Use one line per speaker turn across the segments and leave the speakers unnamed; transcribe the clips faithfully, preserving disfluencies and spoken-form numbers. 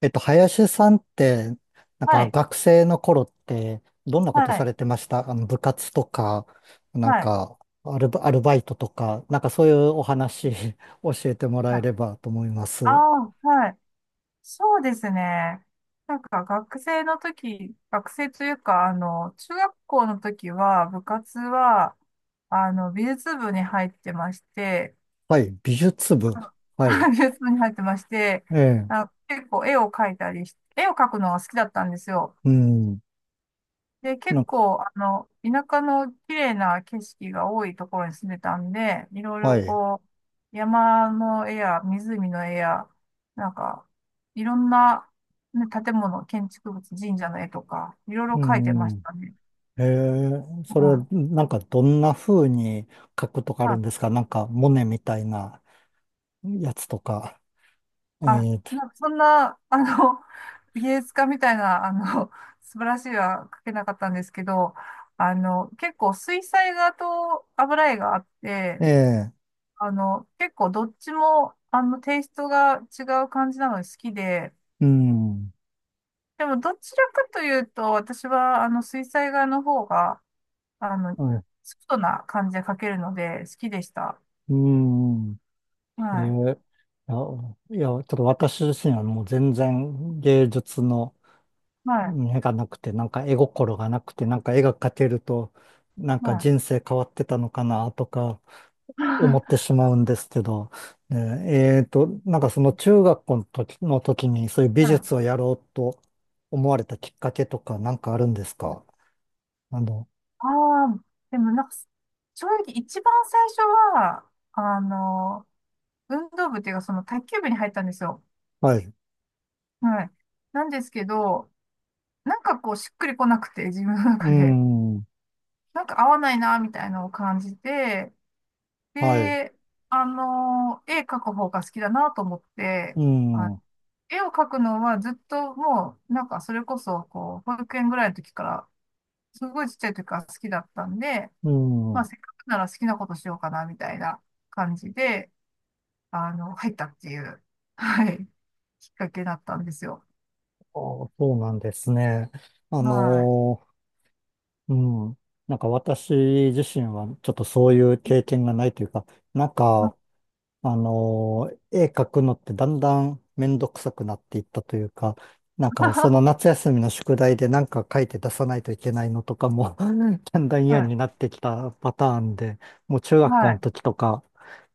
えっと、林さんって、なん
は
か
い、
学生の頃って、どんなこ
は
とさ
い、
れてましたあの、部活とか、なん
はい、
かアルバ、アルバイトとか、なんかそういうお話 教えてもら
は
えれ
い。
ばと思います。
ああ、はい。そうですね。なんか学生の時、学生というか、あの、中学校の時は、部活は、あの、美術部に入ってまして、
はい、美術部。
あ
はい、
美術部に入ってまして、
ええ、
あ、結構絵を描いたりし、絵を描くのが好きだったんですよ。
うん、
で、
な
結
んか、
構、あの、田舎の綺麗な景色が多いところに住んでたんで、いろい
は
ろ
い、
こう、山の絵や湖の絵や、なんか、いろんな、ね、建物、建築物、神社の絵とか、いろいろ
う
描いてまし
ん、
たね。
ええ、そ
う
れ
ん。
なんかどんな風に書くとかあ
ま
るん
あ、
ですかなんか、モネみたいなやつとか。え
あ、
え、
なんかそんな、あの、芸術家みたいな、あの、素晴らしい絵は描けなかったんですけど、あの、結構水彩画と油絵があって、
ええ、
あの、結構どっちも、あの、テイストが違う感じなので好きで、
うん。
でもどちらかというと、私は、あの、水彩画の方が、あの、ソフトな感じで描けるので好きでした。
うーん。え
はい。
ーいや、いや、ちょっと私自身はもう全然芸術の
はい。
目がなくて、なんか絵心がなくて、なんか絵が描けると、なん
は
か
い。
人生変わってたのかなとか思って しまうんですけど、ねえーと、なんかその中学校の時、の時にそういう美
はい。
術をやろうと思われたきっかけとかなんかあるんですかあの、
ああ、でもなんか、正直一番最初は、あの、運動部っていうか、その卓球部に入ったんですよ。
はい。う
はい。なんですけど、なんかこう、しっくりこなくて、自分の
ー
中で。
ん。
なんか合わないな、みたいなのを感じて、
はい。う
で、あの、絵描く方が好きだなと思って、
ー
あ
ん。う
絵を描くのはずっともう、なんかそれこそ、こう、保育園ぐらいの時から、すごいちっちゃい時から好きだったんで、
ー
まあ、
ん。
せっかくなら好きなことしようかな、みたいな感じで、あの、入ったっていう、はい、きっかけだったんですよ。
あー、そうなんですね。あ
は
のーうん。なんか私自身はちょっとそういう経験がないというか、なん
い。
か、あのー絵描くのってだんだんめんどくさくなっていったというか、なんかその 夏休みの宿題でなんか書いて出さないといけないのとかも だんだん嫌
はい。
になってきたパターンで、もう中学
は
校の
い。
時とか、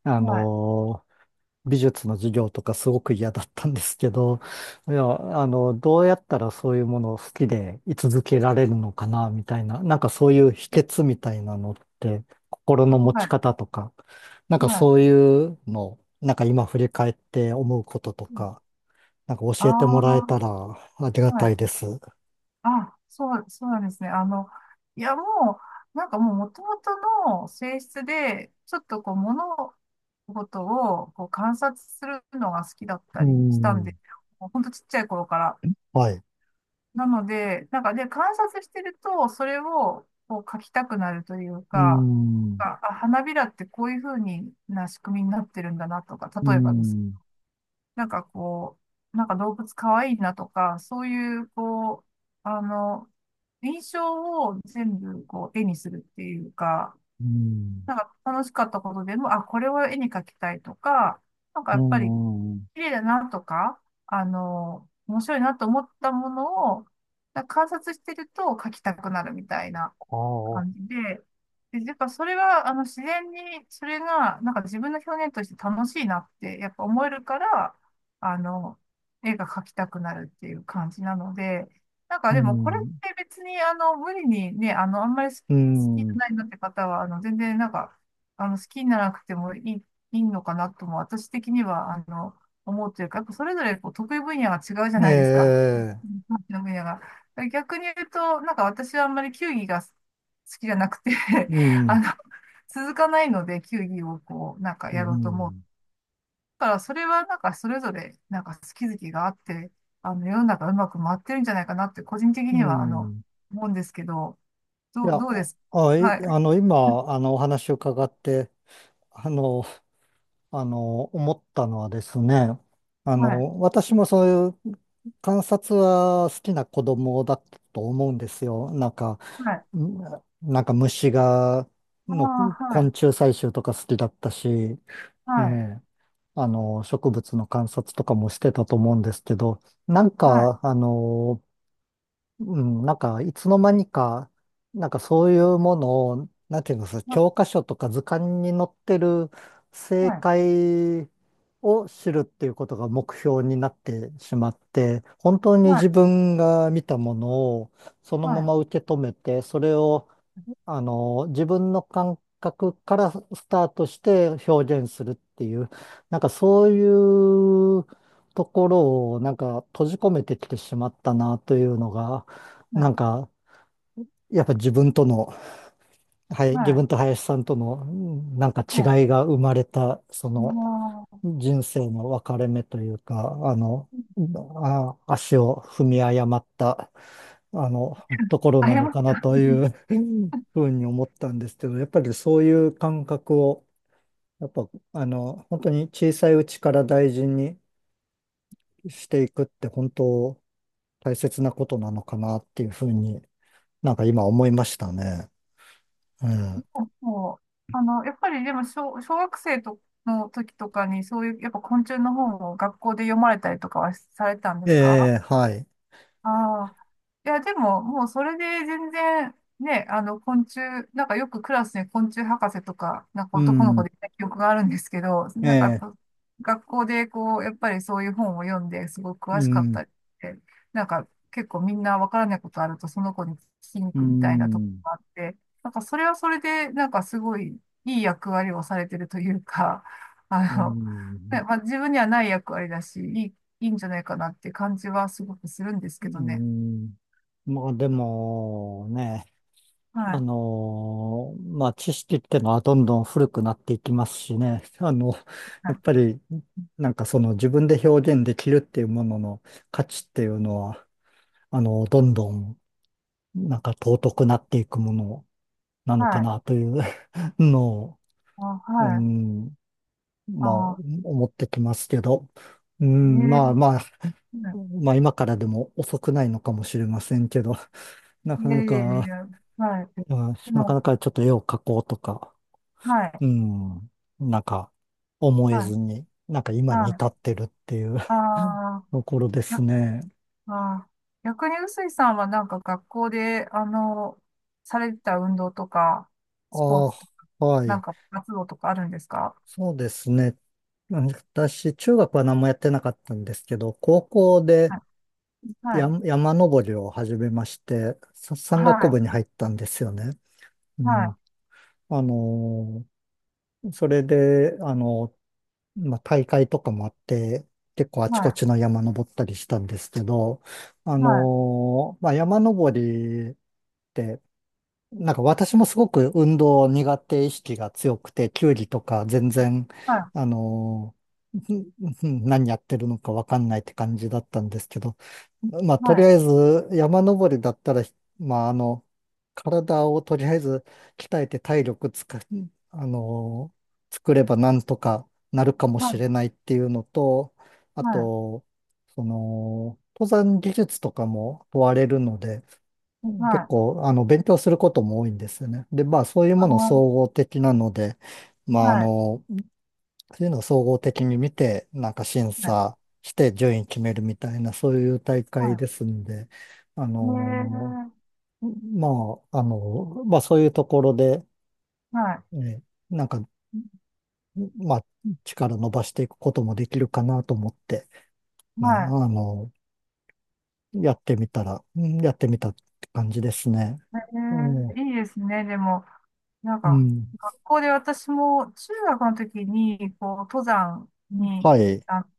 あ
はい。
のー美術の授業とかすごく嫌だったんですけど、いや、あの、どうやったらそういうものを好きで居続けられるのかな、みたいな、なんかそういう秘訣みたいなのって、心の
は
持ち
い。
方とか、なんか
はい。
そういうの、なんか今振り返って思うこととか、なんか教えてもらえ
ああ
たらありが
ー、は
たい
い。
です。
あ、そう、そうなんですね。あの、いや、もう、なんかもう元々の性質で、ちょっとこう、物事をこう観察するのが好きだっ
う
たりしたんで、
ん。
もうほんとちっちゃい頃から。
はい。
なので、なんかで、観察してると、それをこう描きたくなるという
う
か、
ん。
あ、あ花びらってこういう風にな仕組みになってるんだなとか、
う
例えばです
ん。
なんかこう、なんか動物かわいいなとか、そういう、こう、あの、印象を全部こう絵にするっていうか、
うん。
なんか楽しかったことでも、あ、これを絵に描きたいとか、なんか
う
やっぱり
ん。
綺麗だなとか、あの、面白いなと思ったものを、なんか観察してると描きたくなるみたいな。
あ
感
あ。
じで、で、やっぱそれは、あの、自然に、それが、なんか自分の表現として楽しいなって、やっぱ思えるから、あの、絵が描きたくなるっていう感じなので、なんか
う
でもこれっ
ん。
て別に、あの、無理にね、あの、あんまり好
う
きじゃ
ん。
ないなって方は、あの、全然なんか、あの、好きにならなくてもいい、いいのかなとも、私的には、あの、思うというか、やっぱそれぞれこう得意分野が違うじゃ
え
ないですか。
え、
得意分野が。逆に言うと、なんか私はあんまり球技が好好きじゃなくて、
う
あ
ん、
の続かないので球技をこうなんか
う
やろうとも、
ん、
だからそれはなんかそれぞれなんか好き好きがあって、あの世の中うまく回ってるんじゃないかなって、個人的
う
にはあの
ん。
思うんですけど、
い
ど
や、
うどうで
あ、
す、
あい
は
あ
い、
の、今、あの、お話を伺って、あの、あの、思ったのはですね、あ
はい、
の、私もそういう観察は好きな子供だったと思うんですよ。なんか、
はい、
うん、なんか虫が、
あ、
の
は
昆虫
い、
採集とか好きだったし、
は
え
い、
え、あの、植物の観察とかもしてたと思うんですけど、なん
はい、
か、あの、うん、なんか、いつの間にか、なんかそういうものを、なんていうんですか、教科書とか図鑑に載ってる正
はい、はい、
解を知るっていうことが目標になってしまって、本当に自分が見たものをそのま
は
ま受け止めて、それをあの、自分の感覚からスタートして表現するっていう、なんかそういうところをなんか閉じ込めてきてしまったなというのが、なん
い、
かやっぱ自分との、はい、自
は
分と林さんとのうん、なんか違い
い、
が生まれた、その人生の分かれ目というか、あの、あ、足を踏み誤ったあの、ところ
あ
な
や
の
まち
かな
ゃ
とい
ん。
う ふうに思ったんですけど、やっぱりそういう感覚を、やっぱ、あの、本当に小さいうちから大事にしていくって本当大切なことなのかなっていうふうになんか今思いましたね。うん。
そうそう、あの、やっぱりでも小、小学生との時とかにそういう、やっぱ昆虫の本を学校で読まれたりとかはされたんで
え
すか？
え、はい。
ああ。いや、でも、もうそれで全然、ね、あの、昆虫、なんかよくクラスに昆虫博士とか、なんか
う
男の子
ん。
でいた記憶があるんですけど、
え
なんかやっ
え、
ぱ学校でこう、やっぱりそういう本を読んですごく詳
う
しかっ
ん。
たりって、なんか結構みんなわからないことあるとその子に聞きに行
う
くみたいなとこ
ん。
があって、なんかそれはそれで、なんかすごいいい役割をされてるというか、
う
あの、
ん。
ね、まあ、自分にはない役割だし、いいいいんじゃないかなって感じはすごくするんです
う
けどね。
ん。まあでもね、
は
あ
い。
のーまあ、知識ってのはどんどん古くなっていきますしね。あの、
は
やっ
い。
ぱり、なんかその自分で表現できるっていうものの価値っていうのは、あの、どんどん、なんか尊くなっていくものなのか
はい。
なという のを、
あ、
う
はい。
ん、まあ、
あ、
思ってきますけど、うん、まあ
ええ、
まあ、
はい、
まあ今からでも遅くないのかもしれませんけど、なか
い
な
やいやいやい
か、
や。はい。
うん、
で
なか
も、
なかちょっと絵を描こうとか、
はい。
うん。なんか、思え
は
ず
い。
に、なんか今に
はい。
至ってるっていう
ああ
ところです
や、
ね。
あー、逆に臼井さんはなんか学校で、あの、されてた運動とか、スポー
あ
ツとか、
あ、は
なん
い。
か活動とかあるんですか？
そうですね。私、中学は何もやってなかったんですけど、高校で
はい。はい。
山、山登りを始めまして、さ
は
山岳
い。
部に入ったんですよね。う
は
ん。
い。
あのーそれで、あのーまあ、大会とかもあって、結構あち
は
こ
い。
ちの山登ったりしたんですけど、あ
はい。
のーまあ、山登なんか私もすごく運動苦手意識が強くて、球技とか全然、あのーんん何やってるのかわかんないって感じだったんですけど、まあ、と
は
り
い。
あえず山登りだったら、まあ、あの、体をとりあえず鍛えて体力つか、あのー作ればなんとかなるかも
は
し
い。
れないっていうのと、あ
はい。
と、その、登山技術とかも問われるので、うん、
はい。はい。
結
はい、
構、あの、勉強することも多いんですよね。で、まあ、そういう
あ
もの
ー
総合的なので、まあ、あ
はい。
の、そういうのを総合的に見て、なんか審
はい。
査して順位決めるみたいな、そういう大
は
会
い。
ですんで、あ
へ
の、
え、
まあ、あの、まあ、そういうところで、
はい、
ね、なんか、まあ、力伸ばしていくこともできるかなと思って、ね、
は
あ
い。
の、やってみたら、うん、やってみたって感じですね。
え
ええ、
え、いいですね。でも、なん
う
か、
ん。
学校で私も中学の時に、こう、登山に
はい。
あっ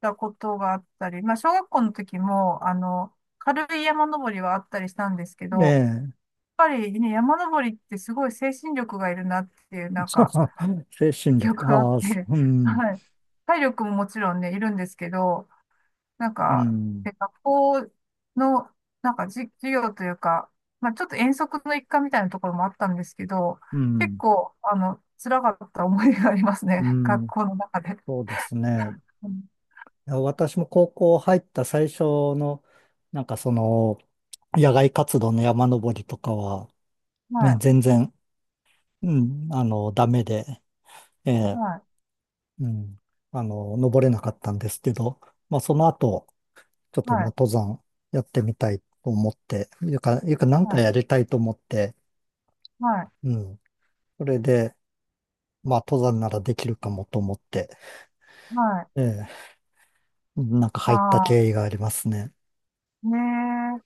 たことがあったり、まあ、小学校の時も、あの、軽い山登りはあったりしたんですけど、
え
やっ
え
ぱりね、山登りってすごい精神力がいるなっていう、なんか、
精神
記
力、
憶があっ
ああ、そ
て、
う、 ん、
はい。体力ももちろんね、いるんですけど、なん
う
か、
ん、
で学校の、なんかじ授業というか、まあちょっと遠足の一環みたいなところもあったんですけど、
う
結
ん、
構、あの、辛かった思いがあります
う
ね。学
ん、
校の中で。
そうですね。
うん、
いや私も高校入った最初の、なんかその、野外活動の山登りとかは、
は
ね、
い、
全然、うん、あの、ダメで、ええ、
はい、
うん、あの、登れなかったんですけど、まあ、その後、ちょっ
は
ともう
い、
登山やってみたいと思って、いうか、いうか、なん
は
か
い、
やりたいと思って、
はい、
うん、それで、まあ、登山ならできるかもと思って、
はい。
ええ、なんか
あ
入った
あ、
経緯がありますね。
ねえ。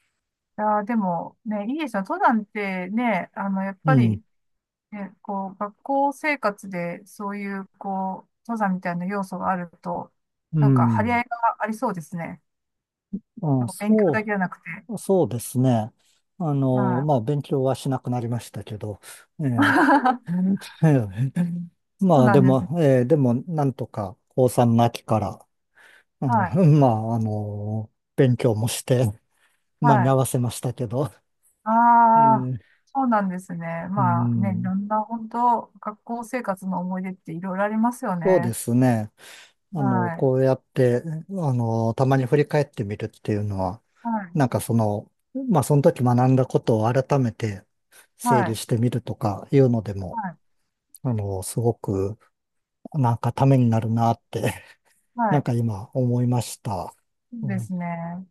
いやー、でも、ね、いいですよ。登山ってね、あの、やっ
う
ぱ
ん、
り、ね、こう、学校生活でそういう、こう、登山みたいな要素があると、
う
なんか、張り
ん。
合いがありそうですね。
あ、
なんか勉強だ
そ
けじゃなくて。
う、そうですね。あの、
はい。
まあ、勉強はしなくなりましたけど、ええ、ええ、
そう
まあ、
な
で
んです。
も、ええ、でも、なんとか、高さんの秋から、あ
はい。
の、まあ、あの、勉強もして、間
は
に合
い。
わせましたけど、
あ
え
あ、
え、
そうなんですね。
う
まあね、い
ん、
ろんな本当、学校生活の思い出っていろいろありますよ
そうで
ね。
すね。あの、
はい。
こうやって、あの、たまに振り返ってみるっていうのは、
は
な
い。
んかその、まあ、その時学んだことを改めて整
は
理
い。
してみるとかいうので
は
も、
い。
あの、すごく、なんかためになるなって、
は
なん
い。
か今思いました。
そ
う
うで
ん
すね。